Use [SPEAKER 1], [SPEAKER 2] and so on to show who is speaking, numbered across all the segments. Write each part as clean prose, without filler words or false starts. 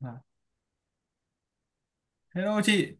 [SPEAKER 1] Vâng. Hello chị.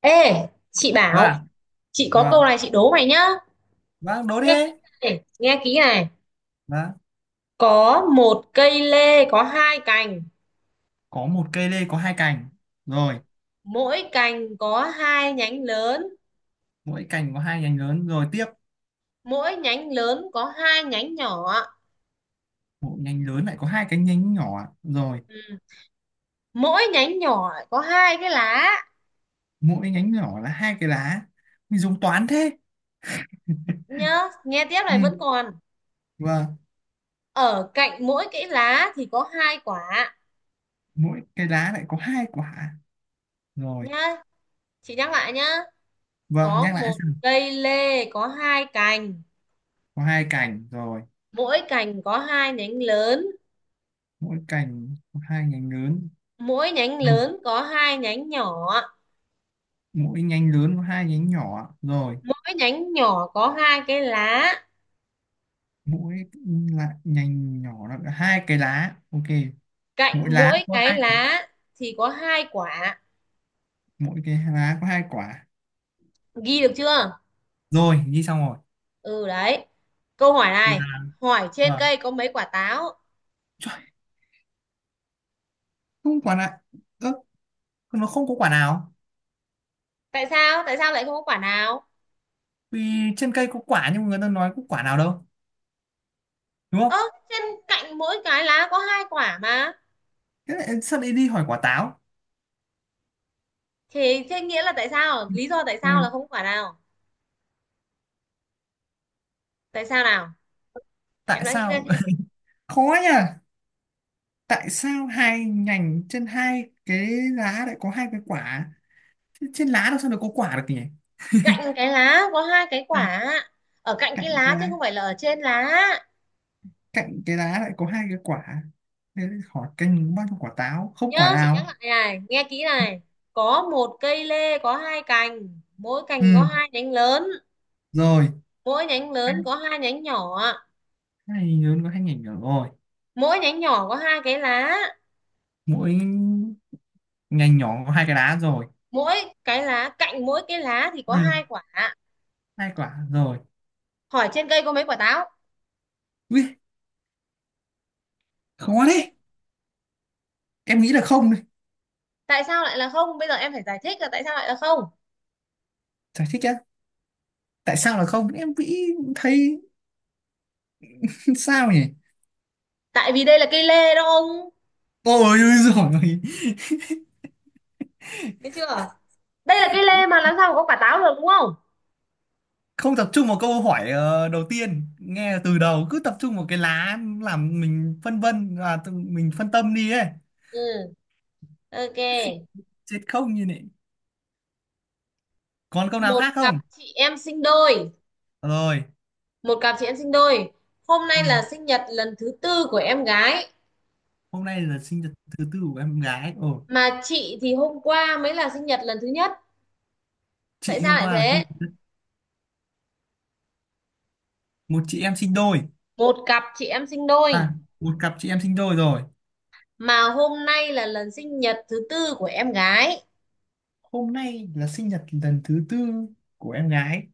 [SPEAKER 2] Ê, chị bảo,
[SPEAKER 1] Vâng,
[SPEAKER 2] chị có
[SPEAKER 1] vâng.
[SPEAKER 2] câu này chị đố mày nhá.
[SPEAKER 1] Vâng, đố đi.
[SPEAKER 2] Nghe kỹ này, nghe kỹ này.
[SPEAKER 1] Vâng.
[SPEAKER 2] Có một cây lê có hai cành,
[SPEAKER 1] Có một cây lê có hai cành. Rồi,
[SPEAKER 2] mỗi cành có hai nhánh lớn,
[SPEAKER 1] mỗi cành có hai nhánh lớn. Rồi tiếp,
[SPEAKER 2] mỗi nhánh lớn có hai nhánh nhỏ.
[SPEAKER 1] mỗi nhánh lớn lại có hai cái nhánh nhỏ. Rồi,
[SPEAKER 2] Ừ. Mỗi nhánh nhỏ có hai cái lá
[SPEAKER 1] mỗi nhánh nhỏ là hai cái lá. Mình dùng toán thế.
[SPEAKER 2] nhá. Nghe tiếp
[SPEAKER 1] Ừ.
[SPEAKER 2] này vẫn còn.
[SPEAKER 1] Vâng,
[SPEAKER 2] Ở cạnh mỗi cái lá thì có hai quả
[SPEAKER 1] mỗi cái lá lại có hai quả. Rồi,
[SPEAKER 2] nhá. Chị nhắc lại nhá.
[SPEAKER 1] vâng,
[SPEAKER 2] Có
[SPEAKER 1] nhắc lại
[SPEAKER 2] một
[SPEAKER 1] xem.
[SPEAKER 2] cây lê có hai cành,
[SPEAKER 1] Có hai cành rồi,
[SPEAKER 2] mỗi cành có hai nhánh lớn,
[SPEAKER 1] mỗi cành có hai nhánh lớn.
[SPEAKER 2] mỗi nhánh
[SPEAKER 1] Ừ.
[SPEAKER 2] lớn có hai nhánh nhỏ,
[SPEAKER 1] Mỗi nhánh lớn có hai nhánh nhỏ. Rồi,
[SPEAKER 2] mỗi nhánh nhỏ có hai cái lá,
[SPEAKER 1] mỗi lại nhánh nhỏ là hai cái lá. Ok, mỗi
[SPEAKER 2] cạnh
[SPEAKER 1] lá
[SPEAKER 2] mỗi
[SPEAKER 1] có
[SPEAKER 2] cái
[SPEAKER 1] hai
[SPEAKER 2] lá thì có hai quả.
[SPEAKER 1] mỗi cái lá có hai quả
[SPEAKER 2] Ghi được chưa?
[SPEAKER 1] rồi, ghi xong rồi,
[SPEAKER 2] Ừ đấy, câu hỏi này
[SPEAKER 1] là
[SPEAKER 2] hỏi trên
[SPEAKER 1] vâng.
[SPEAKER 2] cây có mấy quả táo.
[SPEAKER 1] Trời, không quả nào. Ơ, nó không có quả nào,
[SPEAKER 2] Tại sao lại không có quả nào?
[SPEAKER 1] vì trên cây có quả nhưng mà người ta nói có quả nào đâu, đúng
[SPEAKER 2] Ơ,
[SPEAKER 1] không?
[SPEAKER 2] trên cạnh mỗi cái lá có hai quả mà.
[SPEAKER 1] Thế lại sao lại đi hỏi quả táo?
[SPEAKER 2] Thì thế nghĩa là tại sao, lý do tại
[SPEAKER 1] Ừ,
[SPEAKER 2] sao là không có quả nào. Tại sao nào? Em
[SPEAKER 1] tại
[SPEAKER 2] đã nghĩ ra
[SPEAKER 1] sao?
[SPEAKER 2] chưa?
[SPEAKER 1] Khó nhỉ. Tại sao hai nhành trên hai cái lá lại có hai cái quả? Thế trên lá đâu sao lại có quả được nhỉ?
[SPEAKER 2] Cạnh cái lá có hai cái
[SPEAKER 1] Ừ,
[SPEAKER 2] quả, ở cạnh cái
[SPEAKER 1] cạnh cái
[SPEAKER 2] lá chứ
[SPEAKER 1] lá,
[SPEAKER 2] không phải là ở trên lá.
[SPEAKER 1] cạnh cái lá lại có hai cái quả, thế hỏi canh bao nhiêu quả táo, không quả
[SPEAKER 2] Nhớ chị nhắc
[SPEAKER 1] nào.
[SPEAKER 2] lại này, nghe kỹ này. Có một cây lê có hai cành, mỗi cành có
[SPEAKER 1] Ừ,
[SPEAKER 2] hai nhánh lớn,
[SPEAKER 1] rồi,
[SPEAKER 2] mỗi nhánh lớn có hai nhánh nhỏ,
[SPEAKER 1] hai ngành lớn có hai ngành nhỏ rồi.
[SPEAKER 2] mỗi nhánh nhỏ có hai cái lá,
[SPEAKER 1] Mỗi ngành nhỏ có hai cái đá rồi.
[SPEAKER 2] mỗi cạnh mỗi cái lá thì có
[SPEAKER 1] Ừ,
[SPEAKER 2] hai quả.
[SPEAKER 1] hai quả rồi.
[SPEAKER 2] Hỏi trên cây có mấy quả táo.
[SPEAKER 1] Ui, khó đấy. Em nghĩ là không đấy.
[SPEAKER 2] Tại sao lại là không? Bây giờ em phải giải thích là tại sao lại là không.
[SPEAKER 1] Giải thích á? Tại sao là không, em nghĩ thấy. Sao nhỉ?
[SPEAKER 2] Tại vì đây là cây lê đó ông,
[SPEAKER 1] Ôi rồi,
[SPEAKER 2] biết chưa? Đây là cây lê mà làm sao mà có quả táo được, đúng không?
[SPEAKER 1] không tập trung vào câu hỏi. Ờ, Đầu tiên nghe từ đầu cứ tập trung vào cái lá làm mình phân vân và mình phân tâm đi ấy.
[SPEAKER 2] Ừ. Ok.
[SPEAKER 1] Chết không như này. Còn câu nào
[SPEAKER 2] một
[SPEAKER 1] khác
[SPEAKER 2] cặp
[SPEAKER 1] không?
[SPEAKER 2] chị em sinh đôi
[SPEAKER 1] Rồi.
[SPEAKER 2] một cặp chị em sinh đôi hôm nay
[SPEAKER 1] Ừ,
[SPEAKER 2] là sinh nhật lần thứ tư của em gái,
[SPEAKER 1] hôm nay là sinh nhật thứ tư của em gái. Ồ,
[SPEAKER 2] mà chị thì hôm qua mới là sinh nhật lần thứ nhất. Tại
[SPEAKER 1] chị
[SPEAKER 2] sao
[SPEAKER 1] hôm
[SPEAKER 2] lại
[SPEAKER 1] qua là
[SPEAKER 2] thế?
[SPEAKER 1] một chị em sinh đôi.
[SPEAKER 2] Một cặp chị em sinh đôi
[SPEAKER 1] À, một cặp chị em sinh đôi rồi.
[SPEAKER 2] mà hôm nay là lần sinh nhật thứ tư của em gái.
[SPEAKER 1] Hôm nay là sinh nhật lần thứ tư của em gái.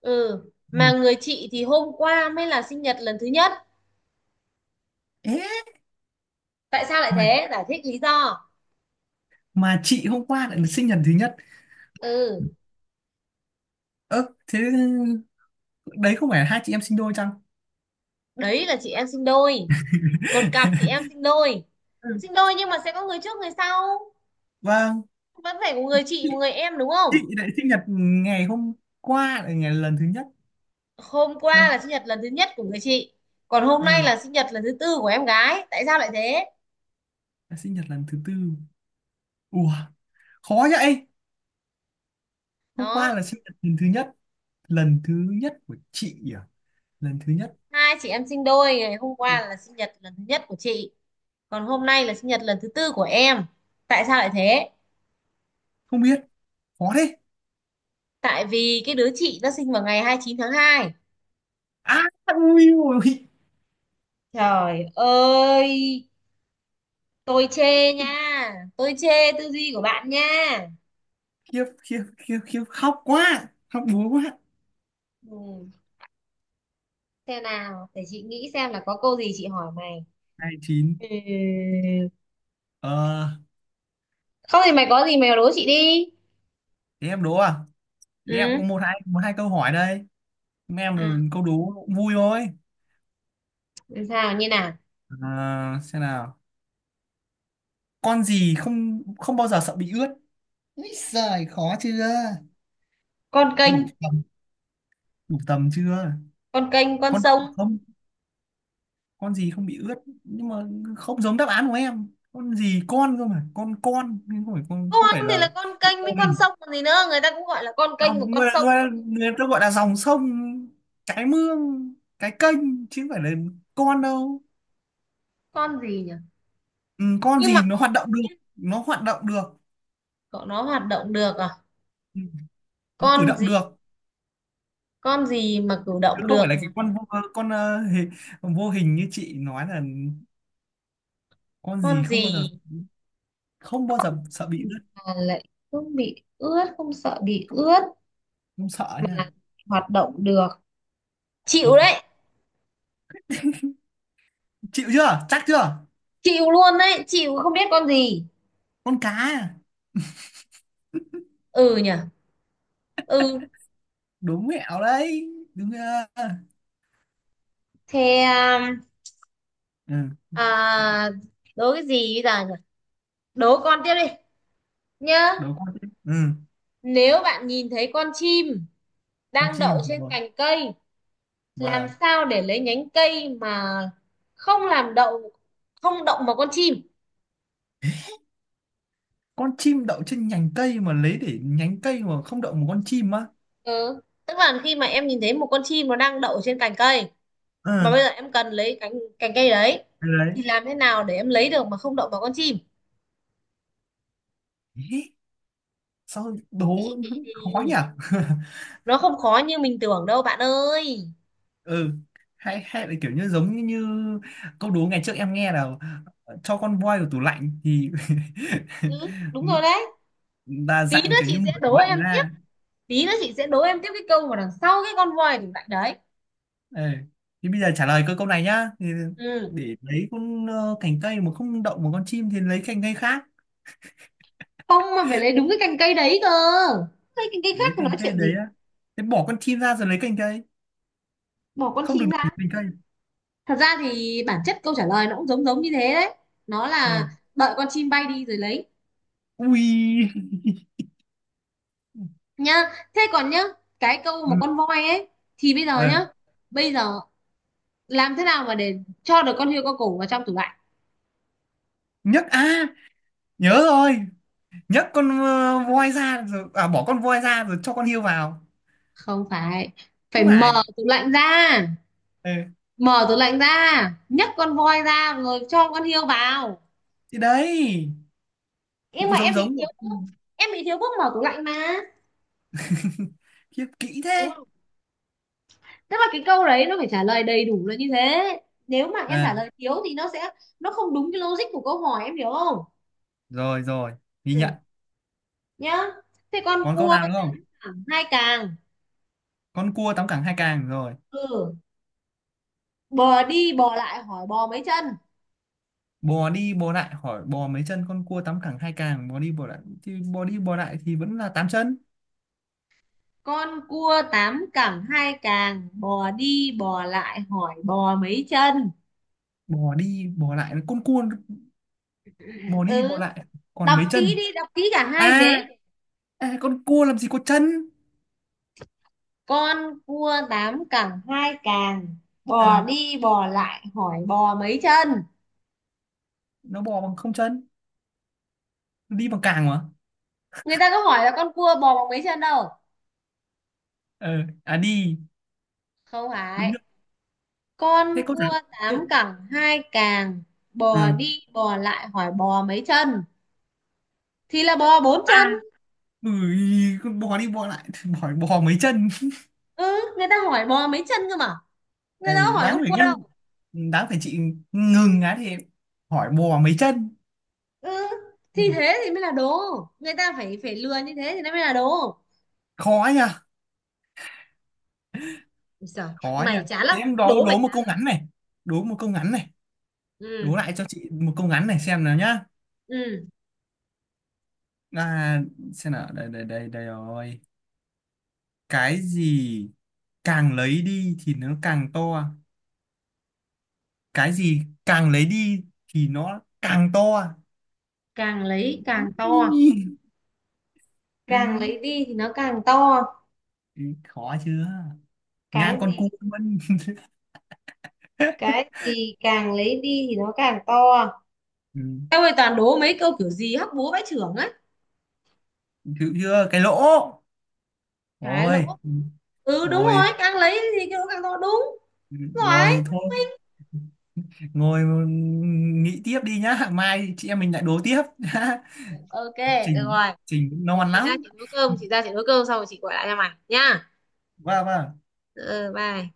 [SPEAKER 2] Ừ.
[SPEAKER 1] Ừ,
[SPEAKER 2] Mà người chị thì hôm qua mới là sinh nhật lần thứ nhất.
[SPEAKER 1] ế.
[SPEAKER 2] Tại sao lại
[SPEAKER 1] mà
[SPEAKER 2] thế? Giải thích lý do.
[SPEAKER 1] mà chị hôm qua lại là sinh nhật thứ nhất.
[SPEAKER 2] Ừ,
[SPEAKER 1] Ơ, thế đấy không phải là hai chị em sinh đôi chăng?
[SPEAKER 2] đấy là chị em sinh đôi, một cặp chị em sinh đôi.
[SPEAKER 1] Ừ,
[SPEAKER 2] Sinh đôi nhưng mà sẽ có người trước người sau,
[SPEAKER 1] vâng.
[SPEAKER 2] vẫn phải có người chị
[SPEAKER 1] chị,
[SPEAKER 2] một người em, đúng không?
[SPEAKER 1] chị lại sinh nhật ngày hôm qua là ngày lần thứ nhất.
[SPEAKER 2] Hôm qua là
[SPEAKER 1] Lần.
[SPEAKER 2] sinh nhật lần thứ nhất của người chị, còn hôm nay
[SPEAKER 1] Ừ,
[SPEAKER 2] là sinh nhật lần thứ tư của em gái. Tại sao lại thế?
[SPEAKER 1] là sinh nhật lần thứ tư. Ủa, khó vậy. Hôm qua
[SPEAKER 2] Đó.
[SPEAKER 1] là sinh nhật lần thứ nhất, lần thứ nhất của chị à? Lần thứ nhất.
[SPEAKER 2] Hai chị em sinh đôi, ngày hôm qua là sinh nhật lần thứ nhất của chị, còn hôm nay là sinh nhật lần thứ tư của em. Tại sao lại thế?
[SPEAKER 1] Không biết. Khó thế.
[SPEAKER 2] Tại vì cái đứa chị nó sinh vào ngày 29 tháng 2.
[SPEAKER 1] À, ui ôi.
[SPEAKER 2] Trời ơi, tôi chê nha, tôi chê tư duy của bạn nha.
[SPEAKER 1] Khiếp khiếp khiếp khiếp, khóc quá, khóc búa quá.
[SPEAKER 2] Ừ, xem nào, để chị nghĩ xem là có câu gì chị hỏi mày.
[SPEAKER 1] Hai chín.
[SPEAKER 2] Ừ.
[SPEAKER 1] Ờ,
[SPEAKER 2] Không thì mày có gì mày đố chị đi.
[SPEAKER 1] thế em đố à? Thế em có một hai câu hỏi đây. Mấy em là
[SPEAKER 2] Ừ.
[SPEAKER 1] câu đố cũng vui thôi.
[SPEAKER 2] Sao như nào?
[SPEAKER 1] À, xem nào. Con gì không không bao giờ sợ bị ướt? Úi giời, khó chưa?
[SPEAKER 2] Con kênh.
[SPEAKER 1] Đủ tầm? Đủ tầm chưa?
[SPEAKER 2] Con kênh con
[SPEAKER 1] Con động vật
[SPEAKER 2] sông.
[SPEAKER 1] không? Con gì không bị ướt? Nhưng mà không giống đáp án của em. Con gì, con cơ mà, con, nhưng không phải con, không
[SPEAKER 2] Con
[SPEAKER 1] phải
[SPEAKER 2] thì là
[SPEAKER 1] là
[SPEAKER 2] con
[SPEAKER 1] cái
[SPEAKER 2] kênh
[SPEAKER 1] cô.
[SPEAKER 2] với con sông còn gì nữa, người ta cũng gọi là con kênh và
[SPEAKER 1] Dòng
[SPEAKER 2] con
[SPEAKER 1] người,
[SPEAKER 2] sông.
[SPEAKER 1] người ta gọi là dòng sông, cái mương, cái kênh chứ không phải là con đâu.
[SPEAKER 2] Con gì nhỉ?
[SPEAKER 1] Ừ, con
[SPEAKER 2] Nhưng mà
[SPEAKER 1] gì nó
[SPEAKER 2] con,
[SPEAKER 1] hoạt động được, nó hoạt động được.
[SPEAKER 2] cậu, nó hoạt động được à?
[SPEAKER 1] Ừ, nó cử
[SPEAKER 2] Con
[SPEAKER 1] động
[SPEAKER 2] gì?
[SPEAKER 1] được,
[SPEAKER 2] Con gì mà cử
[SPEAKER 1] chứ
[SPEAKER 2] động
[SPEAKER 1] không
[SPEAKER 2] được?
[SPEAKER 1] phải là cái con vô, con ờ, hề- vô hình như chị nói là. Con
[SPEAKER 2] Con
[SPEAKER 1] gì không bao giờ,
[SPEAKER 2] gì
[SPEAKER 1] không bao giờ sợ bị rớt.
[SPEAKER 2] mà lại không bị ướt, không sợ bị ướt,
[SPEAKER 1] Không sợ nha.
[SPEAKER 2] mà hoạt động được? Chịu đấy.
[SPEAKER 1] Chịu chưa, chắc chưa?
[SPEAKER 2] Chịu luôn đấy, chịu không biết con gì.
[SPEAKER 1] Con cá à?
[SPEAKER 2] Ừ nhỉ. Ừ.
[SPEAKER 1] Đúng mẹo đấy. Đúng chưa?
[SPEAKER 2] thế um,
[SPEAKER 1] Ừ,
[SPEAKER 2] à, đố cái gì bây giờ nhỉ? Đố con tiếp đi nhá.
[SPEAKER 1] đúng con chim. Ừ,
[SPEAKER 2] Nếu bạn nhìn thấy con chim
[SPEAKER 1] con
[SPEAKER 2] đang đậu
[SPEAKER 1] chim
[SPEAKER 2] trên
[SPEAKER 1] rồi.
[SPEAKER 2] cành cây, làm
[SPEAKER 1] Vâng.
[SPEAKER 2] sao để lấy nhánh cây mà không làm đậu, không động vào con chim?
[SPEAKER 1] Con chim đậu trên nhánh cây mà lấy để nhánh cây mà không đậu một con chim á?
[SPEAKER 2] Ừ. Tức là khi mà em nhìn thấy một con chim nó đang đậu trên cành cây,
[SPEAKER 1] Ừ
[SPEAKER 2] mà bây giờ em cần lấy cành cành cây đấy,
[SPEAKER 1] đấy.
[SPEAKER 2] thì làm thế nào để em lấy được mà không động vào con chim?
[SPEAKER 1] Ý, sao đố.
[SPEAKER 2] Nghĩ kỹ
[SPEAKER 1] Khó nhỉ.
[SPEAKER 2] đi. Nó không khó như mình tưởng đâu bạn ơi.
[SPEAKER 1] Ừ, hay hay là kiểu như giống như, câu đố ngày trước em nghe là cho con voi vào tủ lạnh thì
[SPEAKER 2] Ừ, đúng rồi đấy.
[SPEAKER 1] là
[SPEAKER 2] Tí nữa
[SPEAKER 1] dạng kiểu như
[SPEAKER 2] chị sẽ
[SPEAKER 1] mở tủ
[SPEAKER 2] đố
[SPEAKER 1] lạnh
[SPEAKER 2] em tiếp,
[SPEAKER 1] ra.
[SPEAKER 2] tí nữa chị sẽ đố em tiếp cái câu mà đằng sau cái con voi đỉnh mạnh đấy.
[SPEAKER 1] Ừ, thì bây giờ trả lời câu câu này nhá. Thì
[SPEAKER 2] Ừ.
[SPEAKER 1] để lấy cành cây mà không động một con chim thì lấy cành cây khác.
[SPEAKER 2] Không, mà phải lấy đúng cái cành cây đấy cơ, lấy cành cây khác
[SPEAKER 1] Lấy
[SPEAKER 2] thì
[SPEAKER 1] cành
[SPEAKER 2] nói
[SPEAKER 1] cây
[SPEAKER 2] chuyện
[SPEAKER 1] đấy
[SPEAKER 2] gì.
[SPEAKER 1] á? Thế bỏ con chim ra rồi lấy cành cây,
[SPEAKER 2] Bỏ con
[SPEAKER 1] không được
[SPEAKER 2] chim
[SPEAKER 1] động một
[SPEAKER 2] ra.
[SPEAKER 1] cành cây.
[SPEAKER 2] Thật ra thì bản chất câu trả lời nó cũng giống giống như thế đấy, nó là
[SPEAKER 1] Ừ.
[SPEAKER 2] đợi con chim bay đi rồi lấy
[SPEAKER 1] Ui.
[SPEAKER 2] nhá. Thế còn nhá cái câu
[SPEAKER 1] Ừ.
[SPEAKER 2] mà con voi ấy, thì bây giờ
[SPEAKER 1] Ờ,
[SPEAKER 2] nhá, bây giờ làm thế nào mà để cho được con hươu con cổ vào trong tủ lạnh?
[SPEAKER 1] Nhất à, nhớ rồi. Nhất con voi ra rồi, à bỏ con voi ra rồi cho con hươu vào.
[SPEAKER 2] Không phải, phải
[SPEAKER 1] Không
[SPEAKER 2] mở
[SPEAKER 1] phải.
[SPEAKER 2] tủ lạnh ra.
[SPEAKER 1] Ừ,
[SPEAKER 2] Mở tủ lạnh ra, nhấc con voi ra rồi cho con hươu vào.
[SPEAKER 1] thì đấy
[SPEAKER 2] Nhưng
[SPEAKER 1] cũng
[SPEAKER 2] mà
[SPEAKER 1] giống
[SPEAKER 2] em bị
[SPEAKER 1] giống.
[SPEAKER 2] thiếu
[SPEAKER 1] Ừ.
[SPEAKER 2] thuốc. Em bị thiếu thuốc, mở tủ lạnh mà.
[SPEAKER 1] Khiếp kỹ thế.
[SPEAKER 2] Tức là cái câu đấy nó phải trả lời đầy đủ là như thế, nếu mà em trả
[SPEAKER 1] À
[SPEAKER 2] lời thiếu thì nó sẽ, nó không đúng cái logic của câu hỏi, em hiểu không?
[SPEAKER 1] rồi rồi, ghi
[SPEAKER 2] Ừ.
[SPEAKER 1] nhận.
[SPEAKER 2] Nhá. Thế con
[SPEAKER 1] Còn câu
[SPEAKER 2] cua
[SPEAKER 1] nào nữa không?
[SPEAKER 2] thẳng hai càng.
[SPEAKER 1] Con cua tám cẳng hai càng rồi.
[SPEAKER 2] Ừ. Bò đi bò lại hỏi bò mấy chân.
[SPEAKER 1] Bò đi bò lại hỏi bò mấy chân? Con cua tám cẳng hai càng, bò đi bò lại thì bò đi bò lại thì vẫn là tám chân.
[SPEAKER 2] Con cua tám cẳng hai càng bò đi bò lại hỏi bò mấy chân.
[SPEAKER 1] Bò đi bò lại, con cua bò đi bò
[SPEAKER 2] Ừ.
[SPEAKER 1] lại còn
[SPEAKER 2] Đọc
[SPEAKER 1] mấy
[SPEAKER 2] kỹ
[SPEAKER 1] chân?
[SPEAKER 2] đi, đọc kỹ cả hai
[SPEAKER 1] à
[SPEAKER 2] vế.
[SPEAKER 1] à con cua làm gì có chân.
[SPEAKER 2] Con cua tám cẳng hai càng
[SPEAKER 1] Ừ,
[SPEAKER 2] bò đi bò lại hỏi bò mấy chân.
[SPEAKER 1] nó bò bằng không chân, đi bằng càng mà.
[SPEAKER 2] Người ta có hỏi là con cua bò bằng mấy chân đâu.
[SPEAKER 1] Ờ, à đi,
[SPEAKER 2] Không
[SPEAKER 1] đúng
[SPEAKER 2] phải.
[SPEAKER 1] rồi. Thế
[SPEAKER 2] Con
[SPEAKER 1] câu trả,
[SPEAKER 2] cua tám
[SPEAKER 1] câu.
[SPEAKER 2] cẳng hai càng bò
[SPEAKER 1] Ừ.
[SPEAKER 2] đi bò lại hỏi bò mấy chân thì là bò bốn chân.
[SPEAKER 1] Ui, con bò đi bò lại hỏi bò mấy chân.
[SPEAKER 2] Ừ. Người ta hỏi bò mấy chân cơ mà, người ta
[SPEAKER 1] Ừ,
[SPEAKER 2] có hỏi
[SPEAKER 1] đáng
[SPEAKER 2] con
[SPEAKER 1] phải
[SPEAKER 2] cua
[SPEAKER 1] ngăn,
[SPEAKER 2] đâu.
[SPEAKER 1] đáng phải chị ngừng á thì hỏi bò mấy chân.
[SPEAKER 2] Ừ, thì
[SPEAKER 1] Ừ,
[SPEAKER 2] thế thì mới là đố. Người ta phải phải lừa như thế thì nó mới là đố.
[SPEAKER 1] khó nha,
[SPEAKER 2] Giời,
[SPEAKER 1] khó nha.
[SPEAKER 2] mày chán lắm,
[SPEAKER 1] Thế em đố
[SPEAKER 2] đố mày
[SPEAKER 1] đố một
[SPEAKER 2] chán.
[SPEAKER 1] câu ngắn này, đố một câu ngắn này, đố
[SPEAKER 2] Ừ.
[SPEAKER 1] lại cho chị một câu ngắn này xem nào nhá.
[SPEAKER 2] Ừ.
[SPEAKER 1] À, xem nào. Đây đây đây đây rồi. Cái gì càng lấy đi thì nó càng to? Cái gì càng lấy đi thì nó càng to?
[SPEAKER 2] Càng lấy càng to.
[SPEAKER 1] Ừ.
[SPEAKER 2] Càng
[SPEAKER 1] Ừ,
[SPEAKER 2] lấy đi thì nó càng to.
[SPEAKER 1] ý, khó chưa? Ngang
[SPEAKER 2] Cái
[SPEAKER 1] con
[SPEAKER 2] gì?
[SPEAKER 1] cua luôn.
[SPEAKER 2] Cái gì càng lấy đi thì nó càng to?
[SPEAKER 1] Ừ.
[SPEAKER 2] Tao ơi, toàn đố mấy câu kiểu gì hóc búa bãi trưởng ấy.
[SPEAKER 1] Chịu chưa? Cái lỗ.
[SPEAKER 2] Cái
[SPEAKER 1] Rồi,
[SPEAKER 2] lỗ. Ừ đúng
[SPEAKER 1] ngồi,
[SPEAKER 2] rồi, càng lấy thì cái đó càng to, đúng
[SPEAKER 1] ngồi
[SPEAKER 2] rồi.
[SPEAKER 1] thôi, ngồi. Ừ, nghĩ tiếp đi nhá, mai chị em mình lại đố tiếp.
[SPEAKER 2] Ok, được
[SPEAKER 1] Trình,
[SPEAKER 2] rồi,
[SPEAKER 1] trình nó
[SPEAKER 2] để
[SPEAKER 1] ngoan lắm.
[SPEAKER 2] chị ra chị nấu cơm xong rồi chị gọi lại cho mày nhá.
[SPEAKER 1] Vâng vâng.
[SPEAKER 2] Ừ, bye.